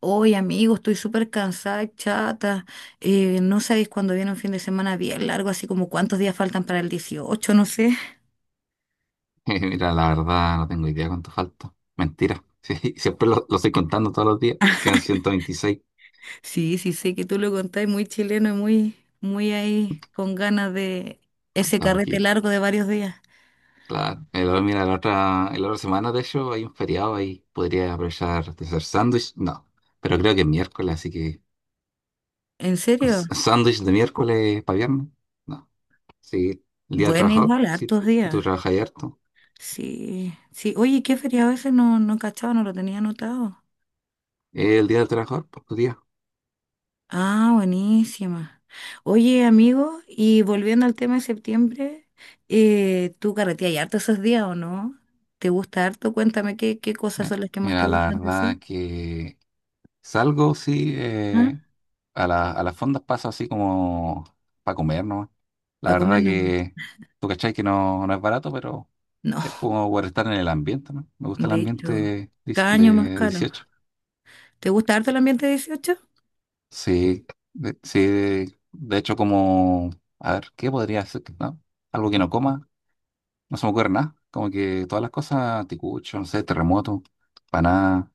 Oye, amigo, estoy súper cansada, y chata. No sabéis cuándo viene un fin de semana bien largo, así como cuántos días faltan para el 18, no sé. Mira, la verdad no tengo idea cuánto falta. Mentira. Sí, siempre lo estoy contando todos los días. Quedan 126. Sí, sí, sé que tú lo contáis muy chileno y muy ahí con ganas de ese Falta carrete poquito. largo de varios días. Claro. Mira, la otra semana, de hecho, hay un feriado ahí. Podría aprovechar de hacer sándwich. No. Pero creo que es miércoles, así que ¿En serio? Sándwich de miércoles para viernes. No. Sí. El día del Bueno, trabajador. igual, Sí. hartos Si tú días. trabajas ahí harto. Sí, sí. Oye, ¿qué feriado ese? No, no cachaba, no lo tenía anotado. El día del trabajador, por tu día. Ah, buenísima. Oye, amigo, y volviendo al tema de septiembre, ¿tú carreteas harto esos días o no? ¿Te gusta harto? Cuéntame qué cosas Eh, son las que más te Mira, la gustan de eso. verdad que salgo, sí, ¿Ah? A a las fondas paso así como para comer, ¿no? La ¿Para comer verdad nomás? que tú cachai que no, no es barato, pero No, es como por estar en el ambiente, ¿no? Me gusta el de hecho, ambiente cada año más del caro. 18. ¿Te gusta harto el ambiente 18? Sí, de, sí, de hecho como, a ver, ¿qué podría ser? ¿No? Algo que no coma, no se me ocurre nada. Como que todas las cosas, ticucho, no sé, terremoto, nada.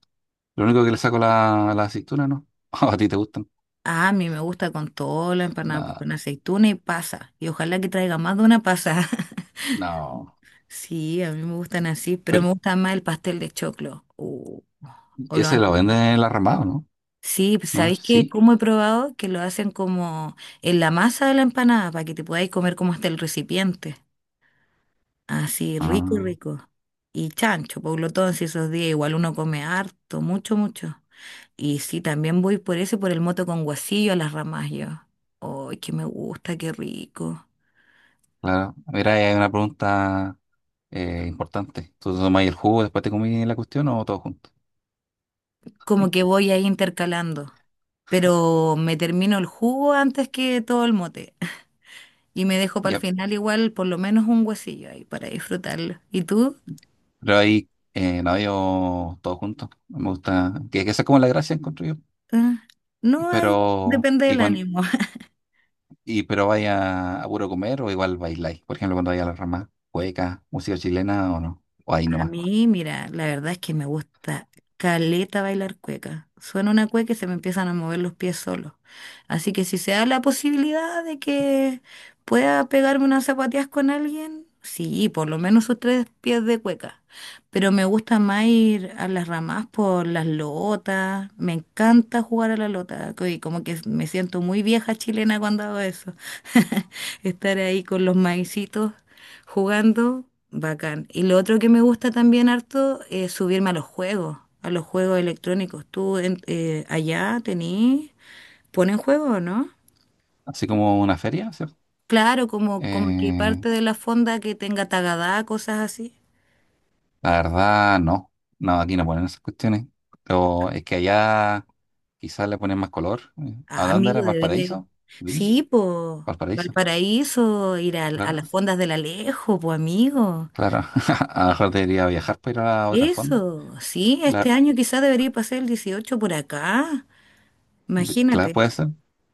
Lo único que le saco la aceituna, ¿no? ¿A ti te gustan? Ah, a mí me gusta con todo, la empanada, pues Nada, con aceituna y pasa. Y ojalá que traiga más de una pasa. no. Sí, a mí me gustan así, pero me gusta más el pastel de choclo. O lo Ese lo antiguo. venden en el armado, ¿no? Sí, pues, ¿No? ¿sabéis que Sí. cómo he probado? Que lo hacen como en la masa de la empanada para que te podáis comer como hasta el recipiente. Así, rico, Ah, rico. Y chancho, Pablo todo si esos días igual uno come harto, mucho, mucho. Y sí, también voy por eso, por el moto con guasillo a las ramas yo. ¡Ay, que me gusta, qué rico! claro. Mira, ahí hay una pregunta importante. ¿Tú te tomás el jugo después te comí la cuestión o todo junto? Como que voy ahí intercalando. Pero me termino el jugo antes que todo el mote. Y me dejo para el Ya. final igual por lo menos un guasillo ahí para disfrutarlo. ¿Y tú? Pero ahí, no, yo todo junto. Me gusta. Que esa es como la gracia, encuentro yo. Ah, Y no hay, Pero, depende y del cuando, ánimo. y pero vaya a puro comer o igual bailáis. Por ejemplo, cuando vaya a la rama, cueca, música chilena o no. O ahí A nomás. mí, mira, la verdad es que me gusta caleta bailar cueca. Suena una cueca y se me empiezan a mover los pies solos. Así que si se da la posibilidad de que pueda pegarme unas zapatillas con alguien, sí, por lo menos sus tres pies de cueca. Pero me gusta más ir a las ramas por las lotas. Me encanta jugar a la lota. Y como que me siento muy vieja chilena cuando hago eso. Estar ahí con los maicitos jugando, bacán. Y lo otro que me gusta también harto es subirme a los juegos electrónicos. ¿ Allá tenés, ¿ponen juegos o no? Así como una feria, ¿cierto? Claro, como, como que Eh, parte de la fonda que tenga Tagadá, cosas así. La verdad, no. No, aquí no ponen esas cuestiones. Pero es que allá quizás le ponen más color. ¿A Ah, dónde era? amigo, debería ir. ¿Valparaíso? ¿Viña? Sí, pues, ¿Valparaíso? Valparaíso, Claro, las fondas del Alejo, pues, amigo. claro. A lo mejor debería viajar para ir a otro fondo. Eso, sí, este Claro. año quizás debería pasar el 18 por acá. Claro, Imagínate. puede ser.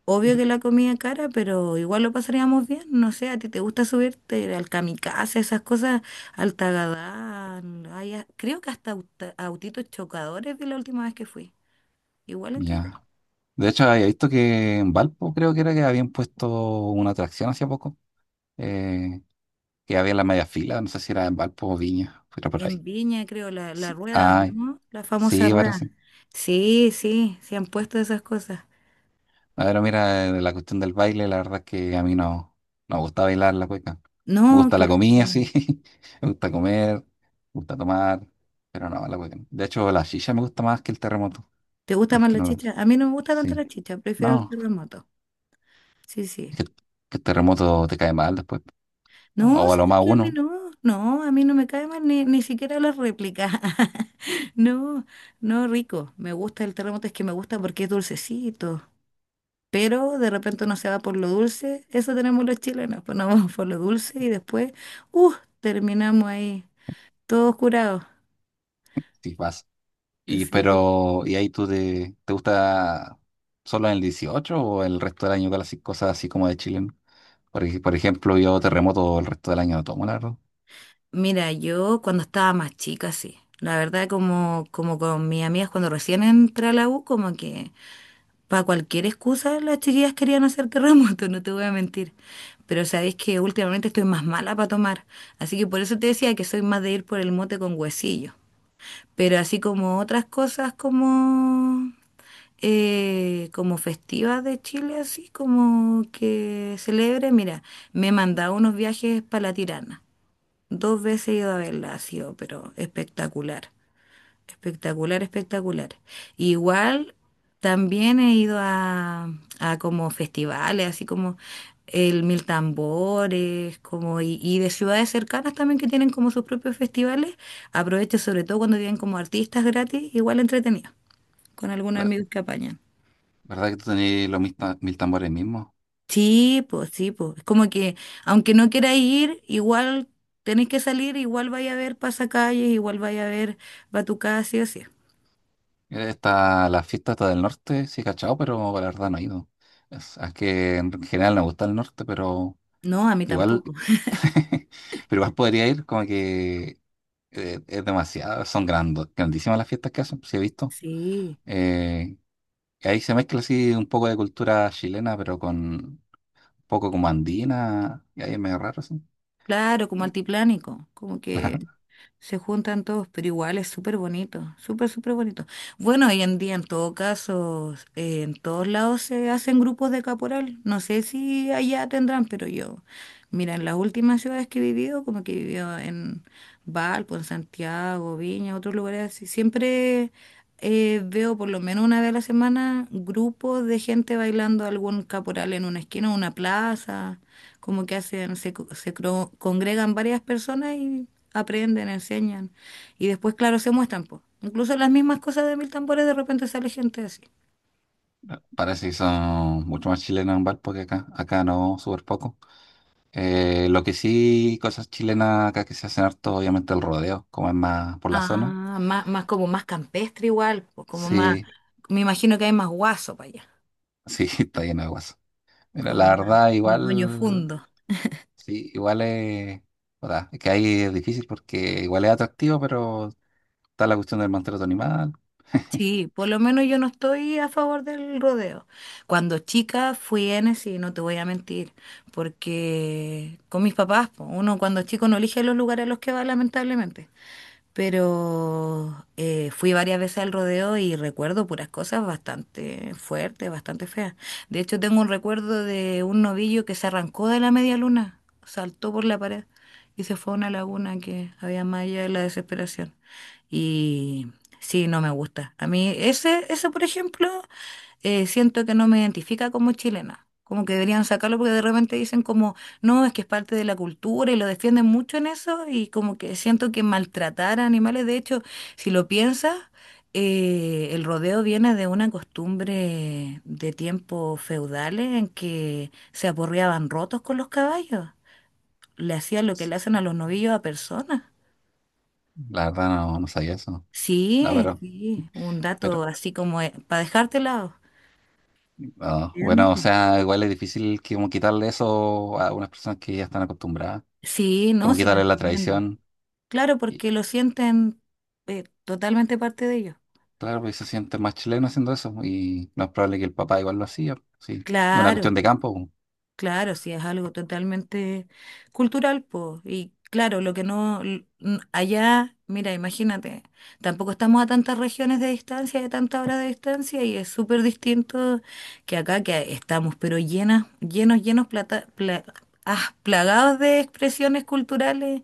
Obvio De- que la comida cara, pero igual lo pasaríamos bien. No sé, ¿a ti te gusta subirte al kamikaze, esas cosas, al Tagadán? Creo que hasta autitos chocadores de la última vez que fui. Igual entre... Ya. De hecho, había visto que en Valpo creo que era que habían puesto una atracción hace poco. eh, que había en la media fila. No sé si era en Valpo o Viña. Pero por En ahí. Viña, creo, la Sí. rueda, Ay, ¿no? La famosa sí, rueda. parece. Sí, sí, se han puesto esas cosas. A ver, mira, la cuestión del baile, la verdad es que a mí no, no me gusta bailar la cueca. Me No, gusta que... la comida, sí. Me gusta comer, me gusta tomar, pero no, la cueca. No. De hecho, la shisha me gusta más que el terremoto, ¿Te gusta más aunque la no lo... chicha? A mí no me gusta tanto Sí, la chicha, prefiero el no, terremoto. Sí, sí. es que, que el terremoto te cae mal después. ¿No? No, O a lo ¿sabes más qué? A mí uno, no, no, a mí no me cae mal ni siquiera la réplica. No, no, rico. Me gusta el terremoto, es que me gusta porque es dulcecito. Pero de repente uno se va por lo dulce, eso tenemos los chilenos, pues nos vamos por lo dulce y después, uh, terminamos ahí, todos curados. si vas. Y Sí. pero, ¿y ahí tú te, te gusta solo en el 18 o el resto del año con las cosas así como de chileno? Por, por ejemplo, yo terremoto el resto del año no tomo, la verdad. Mira, yo cuando estaba más chica, sí. La verdad, como con mis amigas cuando recién entré a la U, como que para cualquier excusa, las chiquillas querían hacer terremoto, no te voy a mentir. Pero sabéis que últimamente estoy más mala para tomar. Así que por eso te decía que soy más de ir por el mote con huesillo. Pero así como otras cosas como, como festivas de Chile, así como que celebre, mira, me he mandado unos viajes para la Tirana. Dos veces he ido a verla, ha sido, pero espectacular. Espectacular, espectacular. Igual también he ido a como festivales, así como el Mil Tambores, como y de ciudades cercanas también que tienen como sus propios festivales. Aprovecho sobre todo cuando vienen como artistas gratis, igual entretenido, con algunos amigos que apañan. ¿Verdad que tú tenías los mil tambores mismos? Sí, pues sí, pues. Es como que aunque no queráis ir, igual tenéis que salir, igual vaya a ver pasacalles, igual vaya a ver Batucada, sí o sí. Está la fiesta está del norte, sí, cachao, pero la verdad no he ido. Es que en general no me gusta el norte, pero No, a mí igual, tampoco. pero igual podría ir, como que es demasiado, son grandes, grandísimas las fiestas que hacen, sí he visto. Sí. Eh, y ahí se mezcla así un poco de cultura chilena, pero con un poco como andina, y ahí es medio raro, sí. Claro, como altiplánico, como Claro, que se juntan todos, pero igual es súper bonito, súper, súper bonito. Bueno, hoy en día en todo caso, en todos lados se hacen grupos de caporal. No sé si allá tendrán, pero yo mira, en las últimas ciudades que he vivido, como que he vivido en Valpo, en Santiago, Viña, otros lugares así, siempre veo por lo menos una vez a la semana grupos de gente bailando algún caporal en una esquina, o una plaza, como que hacen, se, congregan varias personas y aprenden, enseñan. Y después, claro, se muestran, pues. Incluso las mismas cosas de Mil Tambores, de repente sale gente así. parece que son mucho más chilenos en Valpo que acá, acá no, súper poco. Lo que sí, cosas chilenas acá que se hacen harto, obviamente el rodeo, como es más por la zona. Ah, más, más como más campestre igual, pues, como más, Sí, me imagino que hay más guaso para allá. sí, está lleno de guaso. Mira, Como la más, verdad, más baño igual, fundo. sí, igual es, o sea, es que ahí es difícil porque igual es atractivo, pero está la cuestión del maltrato animal. Sí, por lo menos yo no estoy a favor del rodeo. Cuando chica fui N, y no te voy a mentir, porque con mis papás, po, uno cuando es chico no elige los lugares a los que va, lamentablemente. Pero fui varias veces al rodeo y recuerdo puras cosas bastante fuertes, bastante feas. De hecho, tengo un recuerdo de un novillo que se arrancó de la media luna, saltó por la pared y se fue a una laguna que había más allá de la desesperación. Y sí, no me gusta. A mí ese, ese por ejemplo, siento que no me identifica como chilena. Como que deberían sacarlo porque de repente dicen como, no, es que es parte de la cultura y lo defienden mucho en eso y como que siento que maltratar a animales, de hecho, si lo piensas, el rodeo viene de una costumbre de tiempos feudales en que se aporreaban rotos con los caballos, le hacían lo que le hacen a los novillos a personas. La verdad no, no sabía eso. No, Sí, sí, un dato pero, así como para dejarte lado. no. Sí, Bueno, o amigo. sea, igual es difícil que como quitarle eso a unas personas que ya están acostumbradas. Sí, no, Como sí lo quitarle la entiendo. tradición. Claro, porque lo sienten totalmente parte de ellos. Claro, pues se siente más chileno haciendo eso y no es probable que el papá igual lo hacía, sí, es una Claro, cuestión de campo, po. claro, sí, es algo totalmente cultural, pues. Y claro, lo que no, allá, mira, imagínate, tampoco estamos a tantas regiones de distancia, de tantas horas de distancia, y es súper distinto que acá, que estamos, pero llenas, llenos, llenos, plata, plagados de expresiones culturales,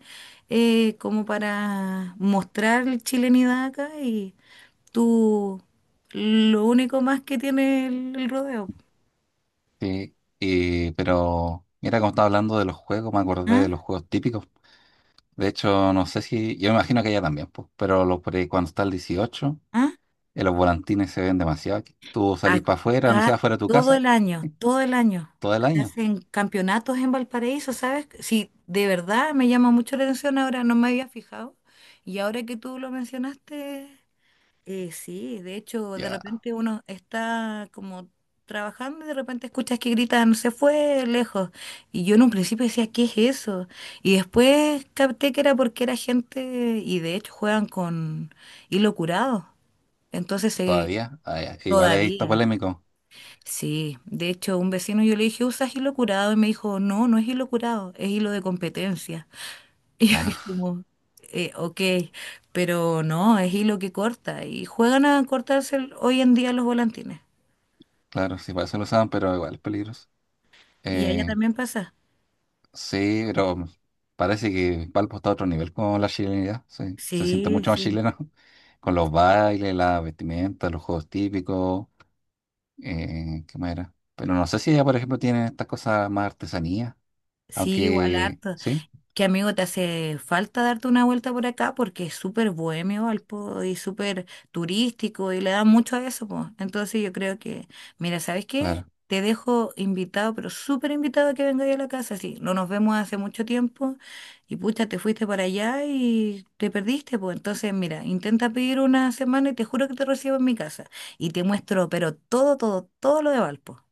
como para mostrar la chilenidad acá, y tú, lo único más que tiene el rodeo. Sí, y- pero mira, como estaba hablando de los juegos, me acordé ¿Ah? de los juegos típicos, de hecho no sé si, yo me imagino que allá también, pues, pero los, por ahí cuando está el 18, ¿Ah? Los volantines se ven demasiado, aquí. Tú salís para afuera, no sé, Acá afuera de tu todo casa, el año, sí, todo el año. todo el Se año, hacen campeonatos en Valparaíso, ¿sabes? Sí, de verdad me llama mucho la atención ahora, no me había fijado. Y ahora que tú lo mencionaste, sí, de hecho, de ya, repente uno está como trabajando y de repente escuchas que gritan, se fue lejos. Y yo en un principio decía, ¿qué es eso? Y después capté que era porque era gente, y de hecho juegan con hilo curado. Entonces, todavía. Ah, ya. Igual ahí está todavía. polémico, Sí, de hecho, un vecino yo le dije, ¿usas hilo curado? Y me dijo, no, no es hilo curado, es hilo de competencia. Y yo dije ah, como, ok, pero no, es hilo que corta. Y juegan a cortarse hoy en día los volantines. claro, sí, para eso lo usaban, pero igual es peligroso. Y allá Eh, también pasa. Sí, pero parece que Valpo está a otro nivel con la chilenidad, sí. Se siente Sí, mucho más sí. chileno con los bailes, la vestimenta, los juegos típicos, ¿qué más era? Pero no sé si ella, por ejemplo, tiene estas cosas más artesanía, Sí, igual aunque harto. sí, Que amigo, te hace falta darte una vuelta por acá porque es súper bohemio Valpo y súper turístico y le da mucho a eso, pues. Entonces yo creo que, mira, ¿sabes qué? claro. Te dejo invitado, pero súper invitado a que vengáis a la casa, sí. No nos vemos hace mucho tiempo y pucha, te fuiste para allá y te perdiste, pues. Entonces, mira, intenta pedir una semana y te juro que te recibo en mi casa y te muestro, pero todo, todo, todo lo de Valpo.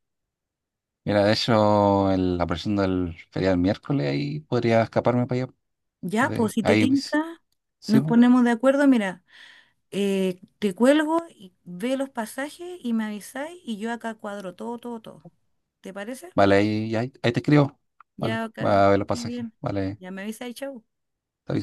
Mira, de hecho, la presión del feriado del miércoles, ahí podría escaparme para allá. Ya, pues si te Ahí, sí, tinca, sí, nos po. ponemos de acuerdo, mira. Te cuelgo y ve los pasajes y me avisáis y yo acá cuadro todo, todo, todo. ¿Te parece? Vale, ahí, ahí, ahí te escribo, vale, Ya voy acá, a ver los muy pasajes, bien. vale. Ya me avisáis, chau. Está